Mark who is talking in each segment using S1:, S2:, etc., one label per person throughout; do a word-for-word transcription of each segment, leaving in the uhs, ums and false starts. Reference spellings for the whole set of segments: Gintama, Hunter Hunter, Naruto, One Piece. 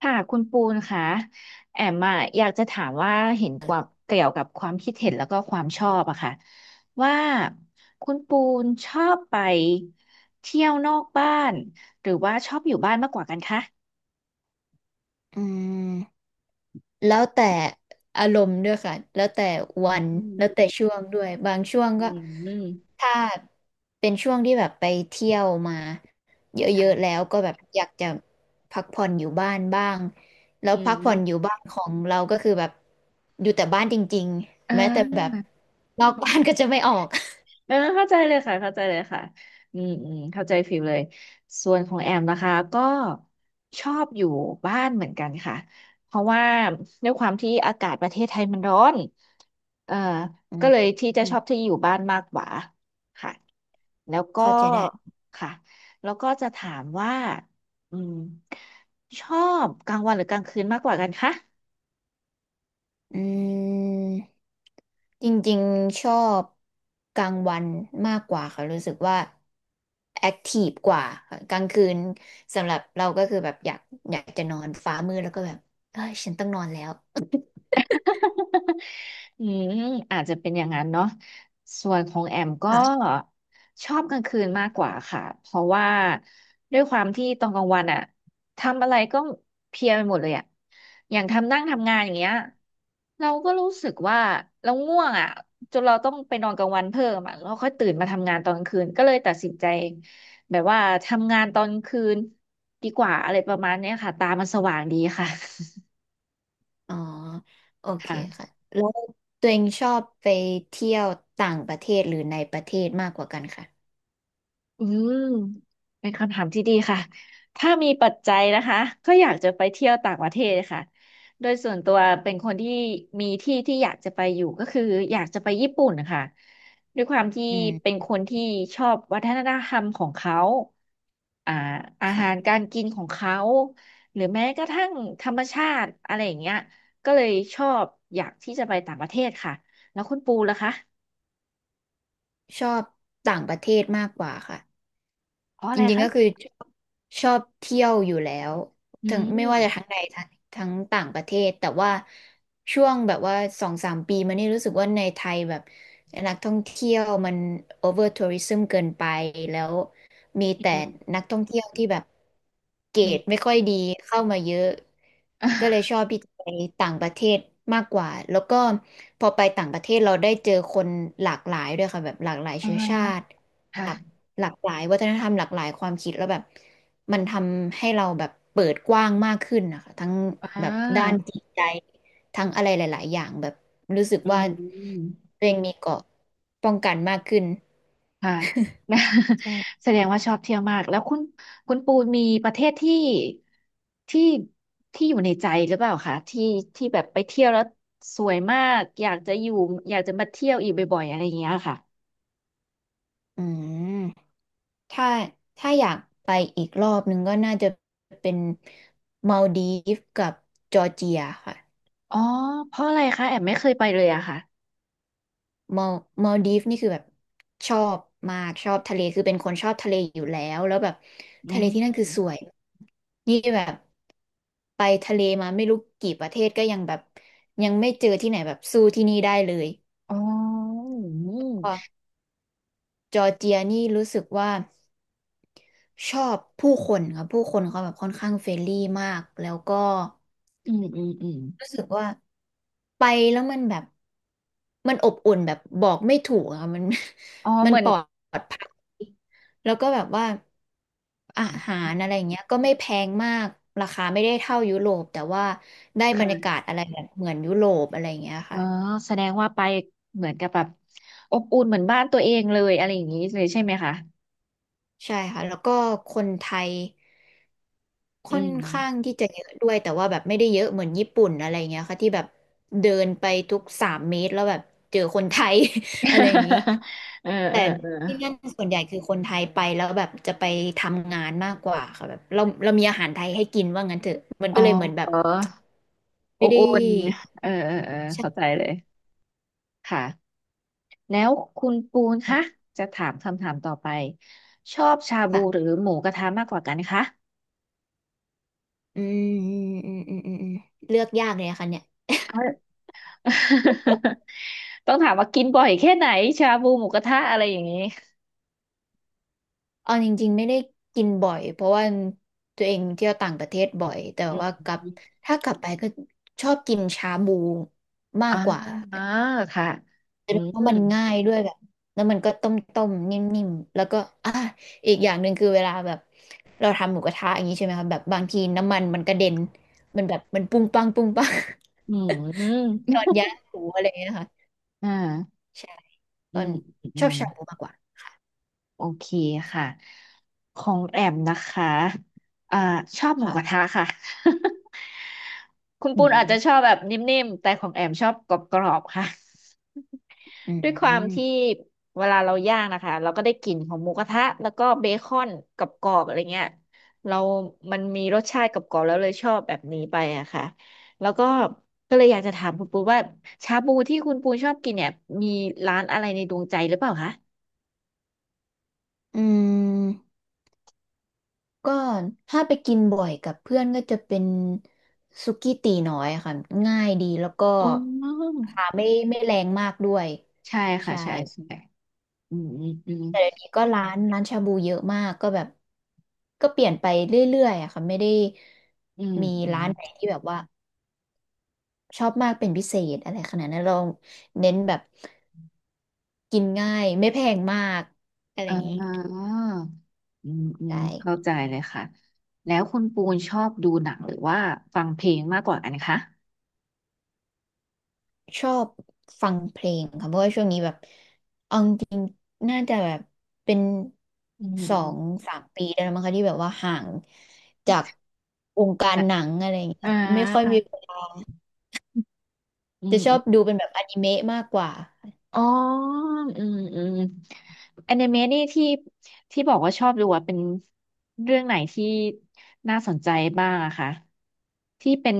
S1: ค่ะคุณปูนค่ะแอมอะอยากจะถามว่าเห็นกว่าเกี่ยวกับความคิดเห็นแล้วก็ความชอบอะค่ะว่าคุณปูนชอบไปเที่ยวนอกบ้านหรือว่าชอบอยู่บ้านมากกว่ากันคะ
S2: อืมแล้วแต่อารมณ์ด้วยค่ะแล้วแต่วัน
S1: อืม
S2: แล้วแต่ช่วงด้วยบางช่วง
S1: อื
S2: ก็
S1: มอืม
S2: ถ้าเป็นช่วงที่แบบไปเที่ยวมาเยอะๆแล้
S1: ค่ะ
S2: วก็แบบอยากจะพักผ่อนอยู่บ้านบ้างแล้ว
S1: อื
S2: พั
S1: ม
S2: กผ่อนอยู่บ้านของเราก็คือแบบอยู่แต่บ้านจริง
S1: อ่
S2: ๆแม้แต่แบ
S1: า
S2: บนอกบ้านก็จะไม่ออก
S1: เออเข้าใจเลยค่ะเข้าใจเลยค่ะอืมอืมเข้าใจฟิลเลยส่วนของแอมนะคะก็ชอบอยู่บ้านเหมือนกันค่ะเพราะว่าด้วยความที่อากาศประเทศไทยมันร้อนเออ
S2: อื
S1: ก็
S2: ม
S1: เลยที่จะ
S2: อื
S1: ช
S2: ม
S1: อบที่อยู่บ้านมากกว่าค่ะแล้วก็
S2: เข้าใจได้
S1: ค่ะแล้วก็จะถามว่าอืมชอบกลางวันหรือกลางคืนมากกว่ากันคะ
S2: อืมจริงๆชอบกลางวันมากกว่าค่ะรู้สึกว่าแอคทีฟกว่าค่ะกลางคืนสำหรับเราก็คือแบบอยากอยากจะนอนฟ้ามืดแล้วก็แบบเอ้ยฉันต้องนอนแล้ว
S1: อืมอาจจะเป็นอย่างนั้นเนาะส่วนของแอมก็
S2: ค่ะ
S1: ชอบกลางคืนมากกว่าค่ะเพราะว่าด้วยความที่ตอนกลางวันอะทำอะไรก็เพลียไปหมดเลยอะอย่างทำนั่งทำงานอย่างเงี้ยเราก็รู้สึกว่าเราง่วงอะจนเราต้องไปนอนกลางวันเพิ่มอะแล้วค่อยตื่นมาทำงานตอนกลางคืนก็เลยตัดสินใจแบบว่าทำงานตอนกลางคืนดีกว่าอะไรประมาณเนี้ยค่ะตามันสว่างดีค่ะ
S2: อ๋อโอ
S1: ค
S2: เคค่ะ
S1: ่ะ
S2: แล้วตัวเองชอบไปเที่ยวต่างประเทศหรือในประเทศมากกว่ากันค่ะ
S1: อืมเป็นคำถามที่ดีค่ะถ้ามีปัจจัยนะคะก็อยากจะไปเที่ยวต่างประเทศค่ะโดยส่วนตัวเป็นคนที่มีที่ที่อยากจะไปอยู่ก็คืออยากจะไปญี่ปุ่นนะคะด้วยความที่
S2: อื
S1: เป็น
S2: ม
S1: คนที่ชอบวัฒนธรรมของเขาอ่าอาหาร
S2: ค่ะ
S1: การกินของเขาหรือแม้กระทั่งธรรมชาติอะไรอย่างเงี้ยก็เลยชอบอยากที่จะไปต่างประเทศค่ะแล้วคุณปูล่ะคะ
S2: ชอบต่างประเทศมากกว่าค่ะ
S1: เพราะอะ
S2: จ
S1: ไร
S2: ริงๆ
S1: คะ
S2: ก็คือชอบชอบเที่ยวอยู่แล้ว
S1: อื
S2: ทั้งไม่
S1: ม
S2: ว่าจะทั้งในทั้งทั้งต่างประเทศแต่ว่าช่วงแบบว่าสองสามปีมานี่รู้สึกว่าในไทยแบบ นักท่องเที่ยวมันโอเวอร์ทัวริึมเกินไปแล้วมีแต่
S1: อืม
S2: นักท่องเที่ยวที่แบบเกร
S1: อื
S2: ด
S1: ม
S2: ไม่ค่อยดีเข้ามาเยอะก็เลยชอบที่จะไปต่างประเทศมากกว่าแล้วก็พอไปต่างประเทศเราได้เจอคนหลากหลายด้วยค่ะแบบหลากหลาย
S1: อ
S2: เชื้อชา
S1: ่า
S2: ติหลาก
S1: ค่ะ
S2: หลากหลายวัฒนธรรมหลากหลายความคิดแล้วแบบมันทำให้เราแบบเปิดกว้างมากขึ้นนะคะทั้ง
S1: อ่
S2: แบบด้าน
S1: า
S2: จิตใจ ทั้งอะไรหลายๆอย่างแบบรู้สึก
S1: อืม
S2: ว่า
S1: อืม
S2: ตัวเองมีเกราะป้องกันมากขึ้น
S1: ค่ะ
S2: ใช่
S1: แสดงว่าชอบเที่ยวมากแล้วคุณคุณปูนมีประเทศที่ที่ที่อยู่ในใจหรือเปล่าคะที่ที่แบบไปเที่ยวแล้วสวยมากอยากจะอยู่อยากจะมาเที่ยวอีกบ่อยๆอะไรอย่างเงี้ยค่ะ
S2: อืมถ้าถ้าอยากไปอีกรอบหนึ่งก็น่าจะเป็นมัลดีฟกับจอร์เจียค่ะ
S1: อ๋อเพราะอะไรคะแอมไม่เคยไปเลยอะค่ะ
S2: มัลมัลดีฟนี่คือแบบชอบมากชอบทะเลคือเป็นคนชอบทะเลอยู่แล้วแล้วแบบ
S1: อื
S2: ทะเลที่นั่น
S1: ม
S2: คือสวยนี่แบบไปทะเลมาไม่รู้กี่ประเทศก็ยังแบบยังไม่เจอที่ไหนแบบสู้ที่นี่ได้เลย
S1: อ๋อ
S2: จอร์เจียนี่รู้สึกว่าชอบผู้คนครับผู้คนเขาแบบค่อนข้างเฟรนลี่มากแล้วก็
S1: อืมอืมอืมอืม
S2: รู้สึกว่าไปแล้วมันแบบมันอบอุ่นแบบบอกไม่ถูกอะมัน
S1: อ๋อ
S2: มั
S1: เห
S2: น
S1: มือ
S2: ป
S1: น
S2: ลอดภัยแล้วก็แบบว่าอาหารอะไรอย่างเงี้ยก็ไม่แพงมากราคาไม่ได้เท่ายุโรปแต่ว่าได้บรรยากา
S1: ค่ะ
S2: ศอะไรแบบเหมือนยุโรปอะไรอย่างเงี้ย
S1: อ๋อ
S2: ค่ะ
S1: แสดงว่าไปเหมือนกับแบบอบอุ่นเหมือนบ้านตัวเองเลยอะไรอย่างนี้เลยใช่ไหมคะ
S2: ใช่ค่ะแล้วก็คนไทย
S1: อื
S2: ค่อน
S1: ม
S2: ข้างที่จะเยอะด้วยแต่ว่าแบบไม่ได้เยอะเหมือนญี่ปุ่นอะไรเงี้ยค่ะที่แบบเดินไปทุกสามเมตรแล้วแบบเจอคนไทย อะไรอย่างนี้
S1: เออ
S2: แต่
S1: เออเออ
S2: ที่นั่นส่วนใหญ่คือคนไทยไปแล้วแบบจะไปทำงานมากกว่าค่ะแบบเราเรามีอาหารไทยให้กินว่างั้นเถอะมัน
S1: อ๋
S2: ก็
S1: อ
S2: เลยเหมือนแบ
S1: เอ
S2: บ
S1: ออ
S2: ไม่
S1: บ
S2: ได้
S1: อุ่นเออเออเออเข้าใจ
S2: ใช่
S1: เลยค่ะแล้วคุณปูนคะจะถามคำถามต่อไปชอบชาบู
S2: ค่ะ
S1: หรือหมูกระทะมากกว่ากันคะ
S2: อืมอืมอืมอืมอืมอืมเลือกยากเลยอะค่ะเนี่ย
S1: เอา ต้องถามว่ากินบ่อยแค่ไหนชาบูหมูกระทะอะไรอย่างนี้
S2: เอาจริงๆไม่ได้กินบ่อยเพราะว่าตัวเองเที่ยวต่างประเทศบ่อยแต่
S1: อื
S2: ว่า
S1: ม
S2: กลับถ้ากลับไปก็ชอบกินชาบูมา
S1: อ่า
S2: กกว่า
S1: อ่าค่ะ
S2: เ
S1: อื
S2: พ
S1: ม
S2: ราะมันง่ายด้วยแบบแล้วมันก็ต้มๆนิ่มๆแล้วก็อ่ะอีกอย่างหนึ่งคือเวลาแบบเราทำหมูกระทะอย่างนี้ใช่ไหมคะแบบบางทีน้ำมันมันกระเด็นมันแบบมันปุ้งปังปุ้งปัง
S1: อืม
S2: ตอนย่างหมูอะไรอย่างเงี้ยค่ะ
S1: อ่า
S2: ใช่ต
S1: อื
S2: อน
S1: มอื
S2: ชอบ
S1: ม
S2: ชาบูมากกว่าค่ะ
S1: โอเคค่ะ ของแอมนะคะอ่าชอบหมูกระ
S2: ค่ะ
S1: ทะค่ะ คุณ
S2: อื
S1: ปูนอาจจะ
S2: ม
S1: ชอบแบบนิ่มๆ แต่ของแอมชอบกรอบๆค่ะ
S2: อื
S1: ด้วยความที่
S2: ม
S1: เวลาเราย่างนะคะ เราก็ได้กลิ่นของหมูกระทะแล้วก็เบคอนกรอบๆอะไรเงี้ยเรามันมีรสชาติกรอบๆแล้วเลยชอบแบบนี้ไปอะค่ะแล้วก็ก็เลยอยากจะถามคุณปูนว่าชาบูที่คุณปูนชอบกินเนี่ยมีร้านอะไรในดวงใจหรือเปล่าคะ
S2: อืม ก็ถ้าไปกินบ่อยกับเพื่อนก็จะเป็นสุกี้ตีน้อยค่ะง่ายดีแล้วก็
S1: อ๋อ
S2: ราคาไม่ไม่แรงมากด้วย
S1: ใช่ค่ะ
S2: ใช่
S1: ใช่ใช่อืมอืม
S2: แต่เดี๋ยวนี้ก็ร้านร้านชาบูเยอะมากก็แบบก็เปลี่ยนไปเรื่อยๆอะค่ะไม่ได้
S1: อืม
S2: มี
S1: อืม
S2: ร้า
S1: อื
S2: นไหน
S1: ม
S2: ที่แบบว่าชอบมากเป็นพิเศษอะไรขนาดนั้นเราเน้นแบบกินง่ายไม่แพงมากอะไร
S1: อ่
S2: อย่างนี้
S1: าอืมอืม
S2: ใช่
S1: เข้าใจเลยค่ะ แล้วคุณปูนชอบดูหนังหรือว่าฟังเพลงมากกว่ากันคะ
S2: ชอบฟังเพลงค่ะเพราะว่าช่วงนี้แบบ น่าจะแบบเป็น
S1: อืม
S2: ส
S1: อื
S2: อ
S1: ม
S2: งสามปีได้แล้วมั้งคะที่แบบว่าห่างจากวงการ
S1: และ
S2: หนังอะไรอย่างเงี้ย
S1: อ่า
S2: ไม่ค่อยมีเวลา
S1: อื
S2: จะ
S1: ม
S2: ช
S1: อ
S2: อบ
S1: ม
S2: ดูเป็นแบบอนิเมะมากกว่า
S1: อ๋ออืมอืมแอนิเมะนี่ที่ที่บอกว่าชอบดูอะเป็นเรื่องไหนที่น่าสนใจบ้างอะคะที่เป็น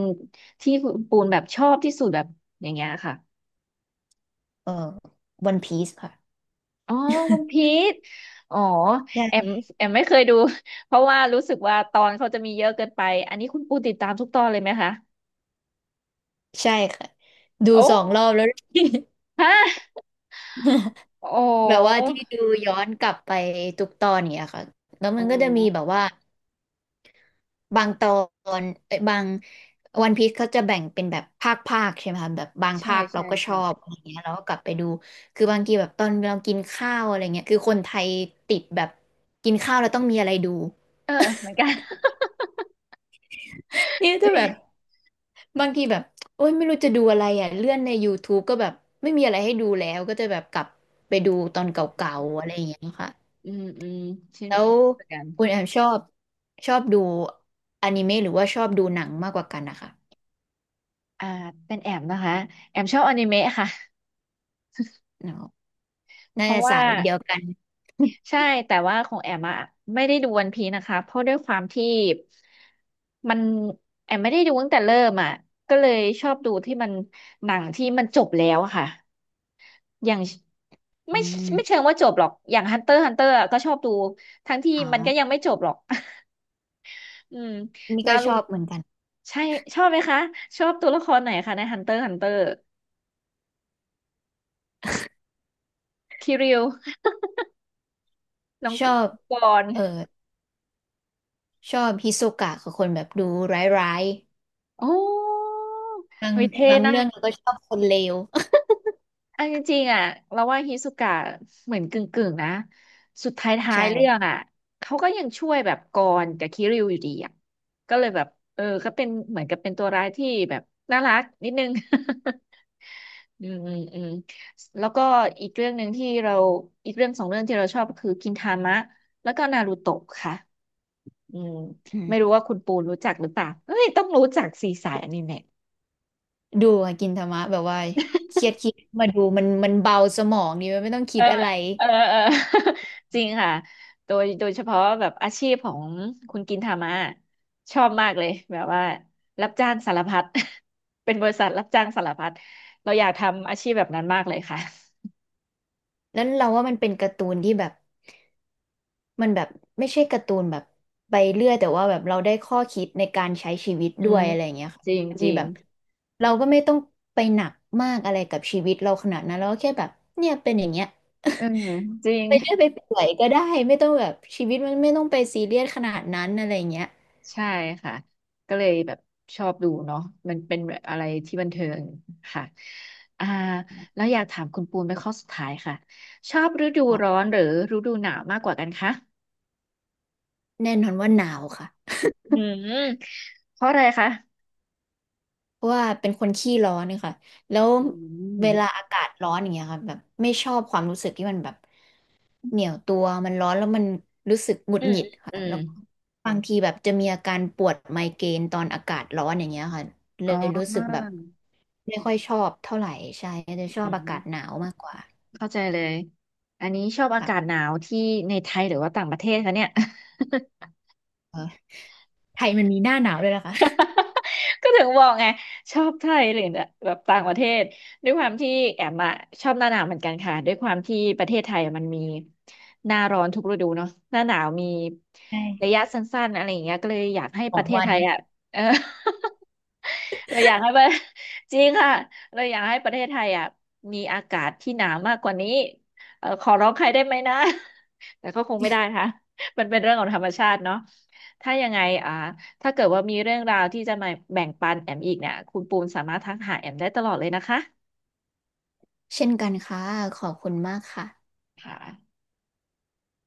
S1: ที่คุณปูนแบบชอบที่สุดแบบอย่างเงี้ยค่ะ
S2: เออวันพีซค่ะ
S1: อ๋อวันพีชอ๋อแอม
S2: ใช่
S1: แอมไม่เคยดู เพราะว่ารู้สึกว่าตอนเขาจะมีเยอะเกินไปอันนี้คุณปูติดตามทุกตอนเลยไหมคะ
S2: ใช่ค่ะดู
S1: โอ้
S2: สองรอบแล้ว
S1: ฮะโอ
S2: แบบ
S1: ้
S2: ว่าที่ดูย้อนกลับไปทุกตอนเนี่ยค่ะแล้ว
S1: โอ
S2: มันก็จะมีแบบ
S1: ้
S2: ว่า บางตอนเอ้ยบางวันพีซเขาจะแบ่งเป็นแบบภาคภาคใช่ไหมคะแบบบาง
S1: ใช่
S2: ภาคเรา
S1: ใช่
S2: ก็ช
S1: ใช่
S2: อบอะไรเงี้ยเราก็กลับไปดูคือบางทีแบบตอนเรากินข้าวอะไรเงี้ยคือคนไทยติดแบบกินข้าวแล้วต้องมีอะไรดู
S1: เออเหมือนกัน
S2: เนี่ย
S1: จ
S2: จะ
S1: ริ
S2: แบบ
S1: ง
S2: บางทีแบบโอ๊ยไม่รู้จะดูอะไรอ่ะเลื่อนใน ยูทูบ ก็แบบไม่มีอะไรให้ดูแล้วก็จะแบบกลับไปดูตอ
S1: อ
S2: นเก่า
S1: ืม
S2: ๆอะไรอย่างเงี้ยค่ะ
S1: อืมอชิน
S2: แล้ว
S1: เหมือนกัน
S2: คุณแอมชอบชอบดูอนิเมะหรือว่าชอบดูหนังมากกว่ากันนะคะ
S1: อ่าเป็นแอมนะคะแอมชอบอนิเมะค่ะ
S2: อ๋อ
S1: เพ
S2: น่า
S1: ราะ
S2: จะ
S1: ว่า
S2: สายเดียวกัน
S1: ใช่แต่ว่าของแอมอะไม่ได้ดูวันพีนะคะเพราะด้วยความที่มันแอมไม่ได้ดูตั้งแต่เริ่มอะก็เลยชอบดูที่มันหนังที่มันจบแล้วอะค่ะอย่าง
S2: อื
S1: ไม่
S2: ม
S1: ไม่เชิงว่าจบหรอกอย่างฮันเตอร์ฮันเตอร์ก็ชอบดูทั้งที่
S2: อ๋อ
S1: มันก็ยังไม่จบหรอก อืม
S2: นี่
S1: นา
S2: ก็
S1: รู
S2: ชอบเหมือนกัน
S1: ใช่ชอบไหมคะชอบตัวละครไหนคะในฮันเตอร์ฮันเตอร์คิริวน้อง
S2: ชอบ
S1: กรณ์
S2: เออชอบฮิโซกะคือคนแบบดูร้าย
S1: โอ้
S2: ๆบาง
S1: เฮ้ยเท่
S2: บาง
S1: นะ
S2: เรื่องเราก็ชอบคนเลว
S1: อันจริงๆอ่ะเราว่าฮิสุกะเหมือนกึ่งๆนะสุดท้าย ท้าย
S2: ใช่
S1: เรื่องอ่ะเขาก็ยังช่วยแบบกรกับคิริวอยู่ดีอ่ะก็เลยแบบเออก็เป็นเหมือนกับเป็นตัวร้ายที่แบบน่ารักนิดนึง อืมอืมอืมแล้วก็อีกเรื่องหนึ่งที่เราอีกเรื่องสองเรื่องที่เราชอบก็คือกินทามะแล้วก็นารูโตะค่ะอืม
S2: อื
S1: ไม่รู้
S2: ม
S1: ว่าคุณปูนรู้จักหรือเปล่าเฮ้ยต้องรู้จักสีสายอนิเมะ
S2: ดูอะกินธรรมะแบบว่าเครียดคิดมาดูมันมันเบาสมองดีมันไม่ต้อง
S1: เอ
S2: คิ
S1: อ
S2: ดอะไร
S1: เออเออ จริงค่ะโดยโดยเฉพาะแบบอาชีพของคุณกินทามาชอบมากเลยแบบว่ารับจ้างสารพัด เป็นบริษัทรับจ้างสารพัดเราอยากทำอาชีพแบบนั้นมากเลยค่ะ
S2: แล้วเราว่ามันเป็นการ์ตูนที่แบบ มันแบบไม่ใช่การ์ตูนแบบไปเรื่อยแต่ว่าแบบเราได้ข้อคิดในการใช้ชีวิต
S1: อื
S2: ด้ว
S1: ม
S2: ยอะไรอย่างเงี้ยค่ะ
S1: จริง
S2: บาง
S1: จ
S2: ที
S1: ริ
S2: แบ
S1: ง
S2: บเราก็ไม่ต้องไปหนักมากอะไรกับชีวิตเราขนาดนั้นเราก็แค่แบบเนี่ยเป็นอย่างเงี้ย
S1: เออจริง
S2: ไปเรื่อยไปเปื่อยก็ได้ไม่ต้องแบบชีวิตมันไม่ต้องไปซีเรียสขนาดนั้นอะไรอย่างเงี้ย
S1: ใช่ค่ะก็เลยแบบชอบดูเนาะมันเป็นแบบอะไรที่บันเทิงค่ะอ่าแล้วอยากถามคุณปูนเป็นข้อสุดท้ายค่ะชอบฤดู
S2: ค่ะ
S1: ร้อนหรือฤดูหนาวมากกว่ากันคะ
S2: แน่นอนว่าหนาวค่ะ
S1: อืมเพราะอะไรคะ
S2: เพราะว่าเป็นคนขี้ร้อนนะคะแล้ว
S1: อืม
S2: เวลาอากาศร้อนอย่างเงี้ยค่ะแบบไม่ชอบความรู้สึกที่มันแบบ เหนียวตัวมันร้อนแล้วมันรู้สึกหงุด
S1: อื
S2: ห
S1: ม
S2: งิดค่ะ
S1: อืม
S2: แล้วบางทีแบบจะมีอาการปวดไมเกรนตอนอากาศร้อนอย่างเงี้ยค่ะเล
S1: อ๋อ
S2: ยรู้สึกแบบไม่ค่อยชอบเท่าไหร่ใช่จะชอ
S1: อื
S2: บอากา
S1: ม
S2: ศหนาวมากกว่า
S1: เข้าใจเลย อันนี้ชอบอากาศห
S2: ค่ะ
S1: นาวที่ในไทยหรือว่าต่างประเทศคะเนี่ย
S2: เออไทยมันมีหน้าหนาวด้วยนะคะ
S1: ก็ถึงบอกไงชอบไทยหรือแบบต่างประเทศด้วยความที่แอมอะชอบหน้าหนาวเหมือนกันค่ะด้วยความที่ประเทศไทยมันมีหน้าร้อนทุกฤดูเนาะหน้าหนาวมีระ
S2: ใช่
S1: ยะสั้นๆอะไรอย่างเงี้ยก็เลยอยากให้
S2: ส
S1: ป
S2: อ
S1: ระ
S2: ง
S1: เทศ
S2: วั
S1: ไท
S2: น
S1: ยอะเออ เราอยากให้ประ จริงค่ะเราอยากให้ประเทศไทยอ่ะมีอากาศที่หนาวมากกว่านี้เออขอร้องใครได้ไหมนะ แต่ก็คงไม่ได้ค่ะมันเป็นเรื่องของธรรมชาติเนาะถ้ายังไงอ่า ถ้าเกิดว่ามีเรื่องราวที่จะมาแบ่งปันแอมอีกเนี่ยคุณปูนสามารถทักหาแอมได้ตลอดเลยนะคะ
S2: เช่นกันค่ะขอบคุณมากค่ะ
S1: ค่ะ